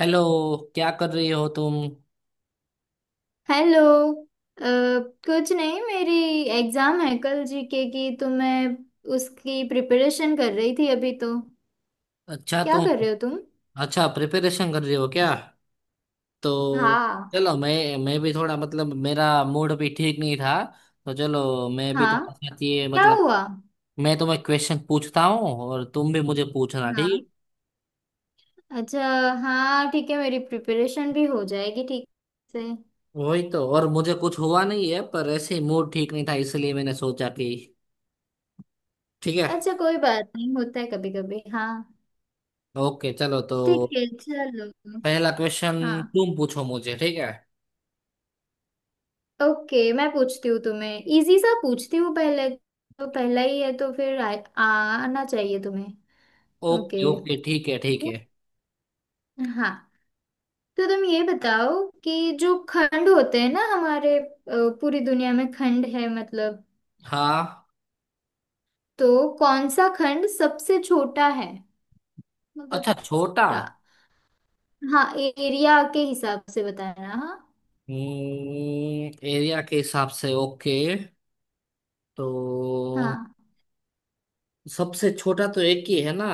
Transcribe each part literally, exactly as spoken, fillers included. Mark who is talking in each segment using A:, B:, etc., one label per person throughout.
A: Hello. क्या कर रही हो तुम?
B: हेलो। अ, कुछ नहीं, मेरी एग्जाम है कल जीके की, तो मैं उसकी प्रिपरेशन कर रही थी अभी। तो
A: अच्छा
B: क्या
A: तुम।
B: कर रहे हो तुम?
A: अच्छा प्रिपरेशन कर रही हो क्या? तो
B: हाँ।
A: चलो, मैं मैं भी थोड़ा, मतलब मेरा मूड भी ठीक नहीं था। तो चलो मैं भी
B: हाँ,
A: तुम्हारे साथ ये,
B: क्या
A: मतलब
B: हुआ?
A: मैं तुम्हें क्वेश्चन पूछता हूँ और तुम भी मुझे पूछना,
B: हाँ।
A: ठीक
B: अच्छा। हाँ ठीक है, मेरी प्रिपरेशन भी हो जाएगी ठीक से।
A: है। वही तो। और मुझे कुछ हुआ नहीं है, पर ऐसे ही मूड ठीक नहीं था, इसलिए मैंने सोचा कि ठीक है।
B: अच्छा, कोई बात नहीं, होता है कभी कभी। हाँ।
A: ओके चलो तो।
B: ठीक है चलो।
A: पहला क्वेश्चन।
B: हाँ।
A: तुम पूछो मुझे, ठीक है?
B: ओके, मैं पूछती हूँ तुम्हें, इजी सा पूछती हूँ पहले, तो पहला ही है तो फिर आ, आना चाहिए तुम्हें। ओके।
A: ओके ओके, ठीक है ठीक है।
B: हाँ, तो तुम ये बताओ कि जो खंड होते हैं ना हमारे, अ, पूरी दुनिया में खंड है मतलब,
A: हाँ।
B: तो कौन सा खंड सबसे छोटा है?
A: अच्छा,
B: मतलब
A: छोटा।
B: छोटा। हाँ, एरिया के हिसाब से बताना। हाँ।
A: हम्म, एरिया के हिसाब से, ओके। तो
B: हाँ,
A: सबसे छोटा तो एक ही है ना।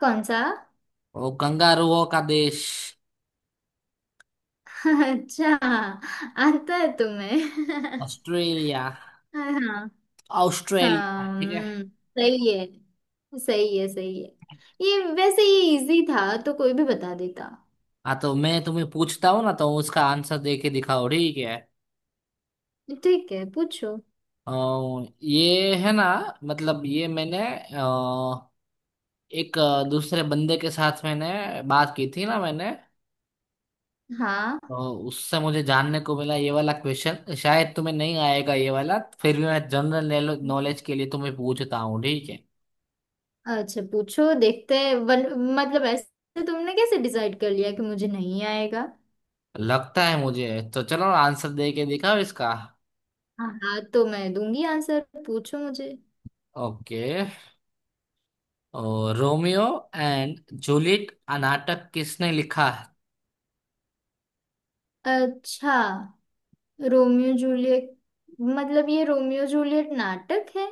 B: कौन सा?
A: वो कंगारुओं का देश।
B: अच्छा, आता है तुम्हें।
A: ऑस्ट्रेलिया।
B: हाँ।
A: ऑस्ट्रेलिया,
B: हाँ।
A: ठीक है।
B: हम्म, सही है। सही है, सही है। ये, वैसे ये इजी था तो कोई भी बता देता।
A: हाँ, तो मैं तुम्हें पूछता हूँ ना, तो उसका आंसर दे के दिखाओ, ठीक है।
B: ठीक है, पूछो।
A: अ, ये है ना, मतलब ये मैंने, अ, एक अ, दूसरे बंदे के साथ मैंने बात की थी ना मैंने।
B: हाँ।
A: तो उससे मुझे जानने को मिला। ये वाला क्वेश्चन शायद तुम्हें नहीं आएगा, ये वाला। फिर भी मैं जनरल नॉलेज के लिए तुम्हें पूछता हूँ, ठीक है।
B: अच्छा पूछो, देखते हैं। वन, मतलब ऐसे तुमने कैसे डिसाइड कर लिया कि मुझे नहीं आएगा?
A: लगता है मुझे। तो चलो, आंसर दे के दिखाओ इसका।
B: हाँ। हाँ, तो मैं दूंगी आंसर, पूछो मुझे।
A: ओके। और रोमियो एंड जूलियट आ नाटक किसने लिखा है?
B: अच्छा, रोमियो जूलियट। मतलब ये रोमियो जूलियट नाटक है?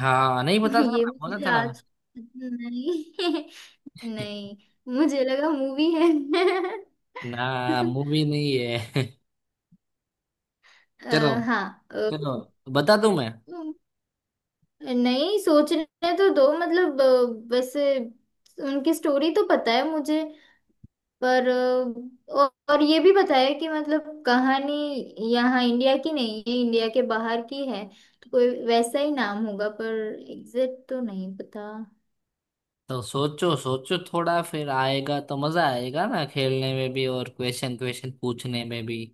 A: हाँ, नहीं पता था
B: ये
A: ना, बोला
B: मुझे
A: था ना मैं।
B: आज नहीं। नहीं, मुझे लगा मूवी है।
A: ना, मूवी नहीं है। चलो।
B: अ, हाँ। अ,
A: चलो बता दूं मैं।
B: नहीं, सोचने तो दो मतलब। अ, वैसे उनकी स्टोरी तो पता है मुझे, पर अ, औ- और ये भी बताया कि मतलब कहानी यहाँ इंडिया की नहीं है, इंडिया के बाहर की है, तो कोई वैसा ही नाम होगा, पर एग्जैक्ट तो नहीं पता।
A: तो सोचो सोचो थोड़ा, फिर आएगा तो मजा आएगा ना खेलने में भी, और क्वेश्चन क्वेश्चन पूछने में भी।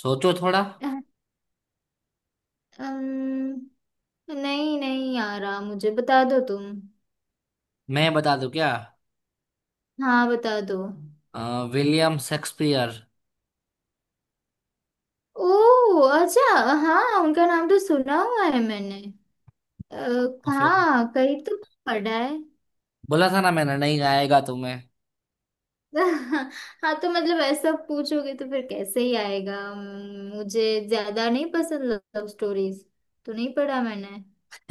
A: सोचो थोड़ा।
B: अम्म, नहीं, नहीं आ रहा मुझे, बता दो तुम।
A: मैं बता दूं क्या?
B: हाँ बता दो।
A: अ, विलियम शेक्सपियर।
B: ओ, अच्छा। हाँ, उनका नाम तो सुना हुआ है मैंने। अ,
A: फिर,
B: हाँ, कहीं तो पढ़ा है।
A: बोला था ना मैंने, नहीं आएगा तुम्हें।
B: हाँ, तो मतलब ऐसा पूछोगे तो फिर कैसे ही आएगा। अम, मुझे ज्यादा नहीं पसंद लव स्टोरीज, तो नहीं पढ़ा मैंने,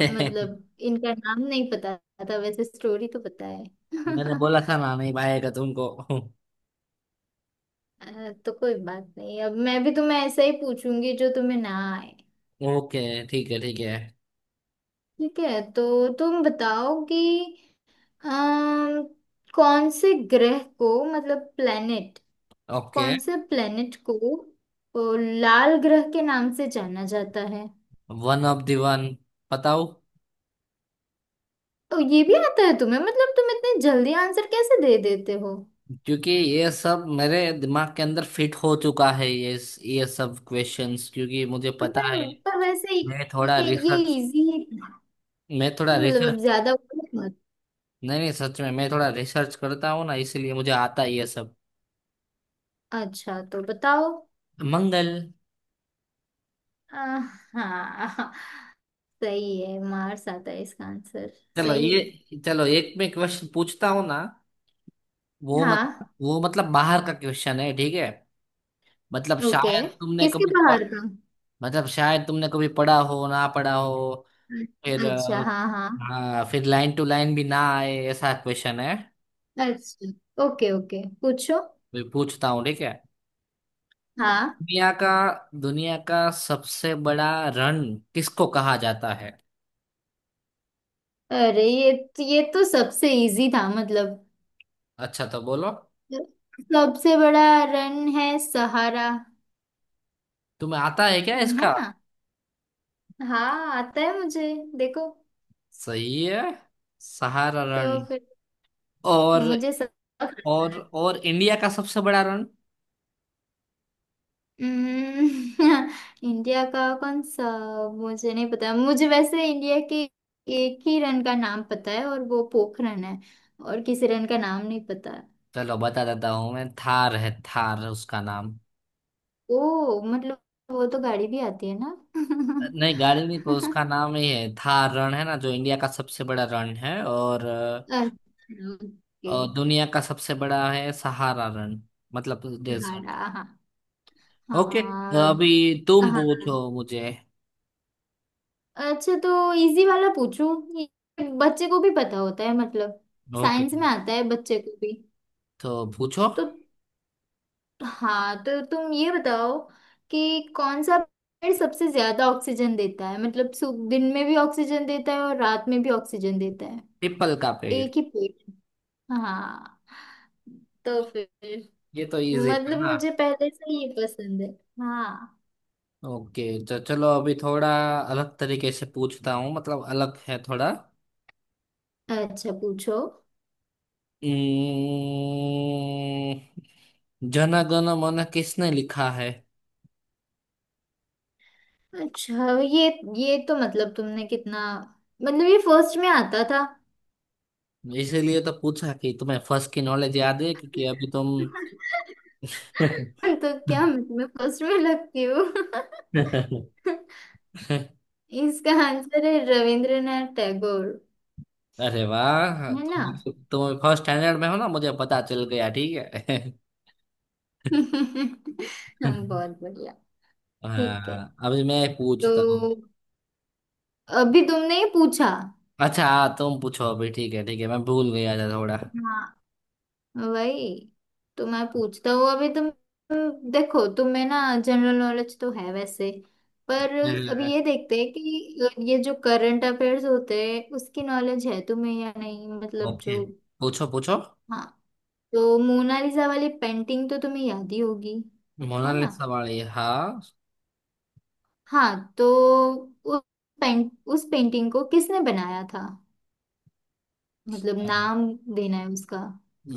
A: मैंने।
B: मतलब इनका नाम नहीं पता था, वैसे स्टोरी तो पता है।
A: बोला था ना नहीं आएगा तुमको।
B: अ, तो कोई बात नहीं, अब मैं भी तुम्हें ऐसा ही पूछूंगी जो तुम्हें ना आए।
A: ओके, ठीक है ठीक है।
B: ठीक है, तो तुम बताओ कि अम, कौन से ग्रह को, मतलब प्लेनेट,
A: ओके,
B: कौन से प्लेनेट को अ, लाल ग्रह के नाम से जाना जाता है?
A: One of the one. बताओ।
B: तो ये भी आता है तुम्हें? मतलब तुम इतने जल्दी आंसर कैसे दे देते हो?
A: क्योंकि ये सब मेरे दिमाग के अंदर फिट हो चुका है, ये ये सब क्वेश्चंस, क्योंकि मुझे
B: तो
A: पता
B: पर
A: है।
B: पर वैसे ही
A: मैं थोड़ा
B: ये ये
A: रिसर्च
B: इजी है।
A: मैं थोड़ा
B: नहीं, मतलब अब
A: रिसर्च
B: ज्यादा मत।
A: नहीं नहीं, सच में मैं थोड़ा रिसर्च करता हूँ ना, इसलिए मुझे आता ही है ये सब।
B: अच्छा तो बताओ।
A: मंगल।
B: आ, हाँ, सही है, मार्स आता है इसका आंसर।
A: चलो,
B: सही
A: ये
B: है।
A: चलो, एक मैं क्वेश्चन पूछता हूँ ना। वो मतलब
B: हाँ।
A: वो मतलब बाहर का क्वेश्चन है, ठीक है। मतलब
B: ओके।
A: शायद तुमने
B: किसके
A: कभी प-
B: बाहर का?
A: मतलब शायद तुमने कभी पढ़ा हो ना पढ़ा हो। फिर
B: अच्छा
A: अ,
B: हाँ, हाँ।
A: हाँ, फिर लाइन टू लाइन भी ना आए, ऐसा क्वेश्चन है।
B: अच्छा ओके, ओके पूछो।
A: मैं पूछता हूँ, ठीक है।
B: हाँ,
A: दुनिया का दुनिया का सबसे बड़ा रन किसको कहा जाता है?
B: अरे ये ये तो सबसे इजी था, मतलब
A: अच्छा, तो बोलो।
B: सबसे बड़ा रन है सहारा,
A: तुम्हें आता है क्या
B: है
A: इसका?
B: ना? हाँ, आता है मुझे, देखो।
A: सही है। सहारा रण।
B: तो फिर
A: और
B: मुझे सब।
A: और और इंडिया का सबसे बड़ा रण?
B: हम्म, इंडिया का कौन सा? मुझे नहीं पता, मुझे वैसे इंडिया के एक ही रन का नाम पता है, और वो पोखरन है, और किसी रन का नाम नहीं पता।
A: चलो, बता देता हूँ मैं। थार है, थार उसका नाम।
B: ओ मतलब, वो तो गाड़ी भी आती है ना?
A: नहीं, गाड़ी नहीं, पर उसका नाम ही है थार। रण है ना जो इंडिया का सबसे बड़ा रण है, और,
B: अच्छा ओके।
A: और दुनिया का सबसे बड़ा है सहारा रण। मतलब डेजर्ट।
B: सहारा।
A: ओके।
B: हाँ।
A: अभी तुम पूछो
B: हाँ,
A: मुझे।
B: अच्छा तो इजी वाला पूछूं, ये बच्चे को भी पता होता है, मतलब
A: ओके,
B: साइंस में आता है बच्चे को भी।
A: तो पूछो।
B: तो हाँ, तो तुम ये बताओ कि कौन सा पेड़ सबसे ज्यादा ऑक्सीजन देता है, मतलब सु- दिन में भी ऑक्सीजन देता है और रात में भी ऑक्सीजन देता है।
A: पीपल का पेड़।
B: एक ही पेड़। हाँ, तो फिर
A: ये तो इजी
B: मतलब
A: था।
B: मुझे पहले से ये पसंद है। हाँ,
A: ओके, तो चलो अभी थोड़ा अलग तरीके से पूछता हूँ, मतलब अलग है थोड़ा।
B: अच्छा पूछो।
A: हम्म, जन गण मन किसने लिखा है?
B: अच्छा ये ये तो मतलब तुमने कितना, मतलब ये फर्स्ट में आता था।
A: इसीलिए तो पूछा कि तुम्हें फर्स्ट की नॉलेज याद है, क्योंकि अभी तुम।
B: तो क्या मैं फर्स्ट में लगती हूँ? इसका आंसर है रविंद्रनाथ टैगोर,
A: अरे वाह,
B: है ना?
A: तुम तुम फर्स्ट स्टैंडर्ड में हो ना, मुझे पता चल गया, ठीक है।
B: हम, बहुत बढ़िया। ठीक है,
A: हाँ, अभी मैं पूछता हूँ।
B: तो अभी तुमने ये पूछा।
A: अच्छा हाँ, तुम पूछो अभी, ठीक है ठीक है, मैं भूल गया था थोड़ा।
B: हाँ, वही, तो मैं पूछता हूँ अभी, तुम तुम देखो तुम्हें ना जनरल नॉलेज तो है वैसे, पर अभी ये देखते हैं कि ये जो करंट अफेयर्स होते हैं उसकी नॉलेज है तुम्हें या नहीं, मतलब
A: ओके,
B: जो।
A: पूछो पूछो।
B: हाँ, तो मोनालिसा वाली पेंटिंग तो तुम्हें याद ही होगी, है ना?
A: मोनालिसा वाली, हाँ।
B: हाँ, तो उस पेंट उस पेंटिंग को किसने बनाया था? मतलब नाम देना है उसका।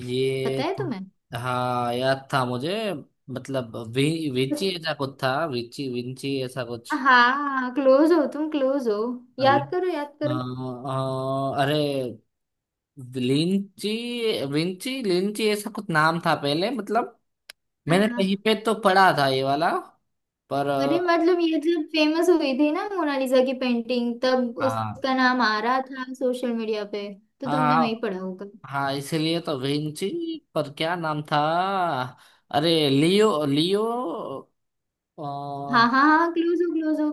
A: ये
B: पता है
A: तो-
B: तुम्हें?
A: हाँ, याद था मुझे। मतलब वि, विची ऐसा कुछ था, विची विंची ऐसा कुछ।
B: हाँ क्लोज हो तुम, क्लोज हो।
A: अल-
B: याद करो, याद
A: अ,
B: करो।
A: अ, अरे, लिंची, विंची लिंची ऐसा कुछ नाम था पहले, मतलब मैंने कहीं
B: हाँ,
A: पे तो पढ़ा था ये वाला, पर
B: अरे
A: अ,
B: मतलब, ये जब फेमस हुई थी ना मोनालिसा की पेंटिंग, तब
A: हाँ
B: उसका नाम आ रहा था सोशल मीडिया पे, तो तुमने वही
A: हाँ
B: पढ़ा होगा।
A: हाँ, इसलिए तो विंची। पर क्या नाम था? अरे लियो लियो, आ,
B: हाँ, हाँ हाँ, क्लोज हो, क्लोज हो।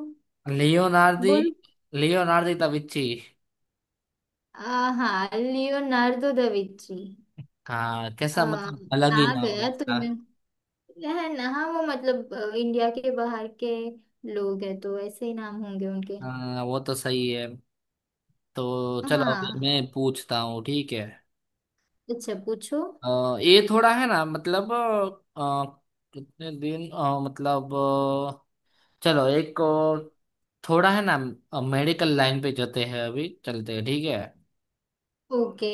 A: लियोनार्दी
B: बोलो।
A: लियोनार्दी तविची।
B: आ, हाँ, लियोनार्डो दा विंची।
A: हाँ,
B: आ,
A: कैसा, मतलब अलग ही
B: आ
A: नाम है
B: गया
A: इसका।
B: तुमने, है ना? हाँ, वो मतलब अ, इंडिया के बाहर के लोग हैं, तो ऐसे ही नाम होंगे उनके।
A: हाँ, वो तो सही है। तो चलो, अभी
B: हाँ,
A: मैं पूछता हूँ, ठीक है।
B: अच्छा पूछो।
A: अ, ये थोड़ा है ना, मतलब अ, कितने दिन, अ, मतलब अ, चलो एक और, थोड़ा है ना, मेडिकल लाइन पे जाते हैं अभी, चलते हैं, ठीक है।
B: ओके।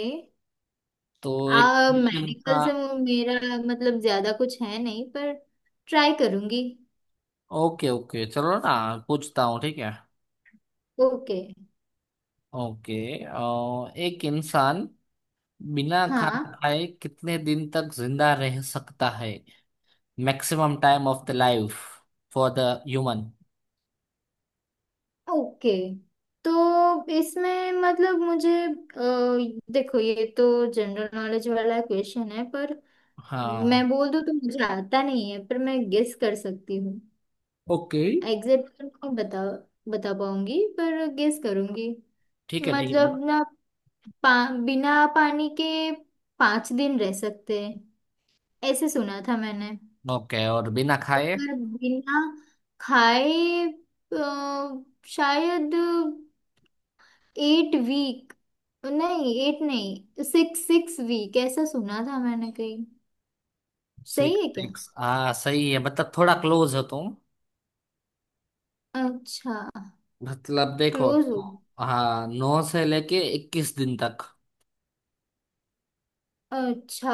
A: तो एक
B: आ,
A: क्वेश्चन का।
B: मेडिकल से मु- मेरा मतलब ज्यादा कुछ है नहीं, पर ट्राई करूंगी।
A: ओके ओके, चलो ना। पूछता हूँ, ठीक है।
B: ओके।
A: ओके। अ, एक इंसान बिना खाना
B: हाँ।
A: खाए कितने दिन तक जिंदा रह सकता है? Maximum time of the life for the human.
B: Okay. तो इसमें मतलब मुझे, अ, देखो, ये तो जनरल नॉलेज वाला क्वेश्चन है, पर
A: हाँ।
B: मैं बोल दूं तो मुझे आता नहीं है, पर मैं गेस कर सकती हूँ।
A: ओके
B: एग्जैक्ट नहीं बता बता पाऊंगी, पर गेस करूंगी।
A: ठीक है ठीक है, बताओ।
B: मतलब ना, पा, बिना पानी के पांच दिन रह सकते हैं, ऐसे सुना था मैंने।
A: ओके, और बिना खाए?
B: पर बिना खाए, अ, शायद एट वीक, नहीं एट नहीं, सिक्स, सिक्स वीक, ऐसा सुना था मैंने कहीं।
A: सिक्स
B: सही है क्या?
A: सिक्स, हाँ सही है, मतलब थोड़ा क्लोज हो तुम।
B: अच्छा।
A: मतलब देखो।
B: क्लोज हो।
A: हाँ, नौ से लेके इक्कीस दिन तक।
B: अच्छा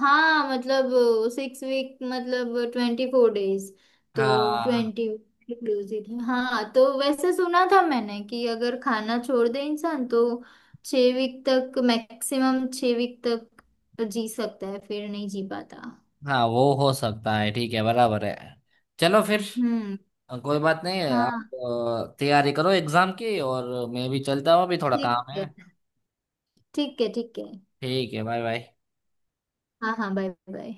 B: हाँ मतलब, सिक्स वीक मतलब ट्वेंटी फोर डेज। तो
A: हाँ
B: ट्वेंटी इंक्लूसिव है, हाँ, तो वैसे सुना था मैंने कि अगर खाना छोड़ दे इंसान तो छः वीक तक, मैक्सिमम छः वीक तक जी सकता है, फिर नहीं जी पाता।
A: हाँ, वो हो सकता है, ठीक है, बराबर है। चलो फिर।
B: हम्म।
A: कोई बात नहीं है, आप।
B: हाँ
A: अ, तैयारी करो एग्जाम की, और मैं भी चलता हूँ, अभी थोड़ा
B: ठीक
A: काम
B: है,
A: है।
B: ठीक है, ठीक है।
A: ठीक है, बाय बाय।
B: हाँ, हाँ, बाय बाय।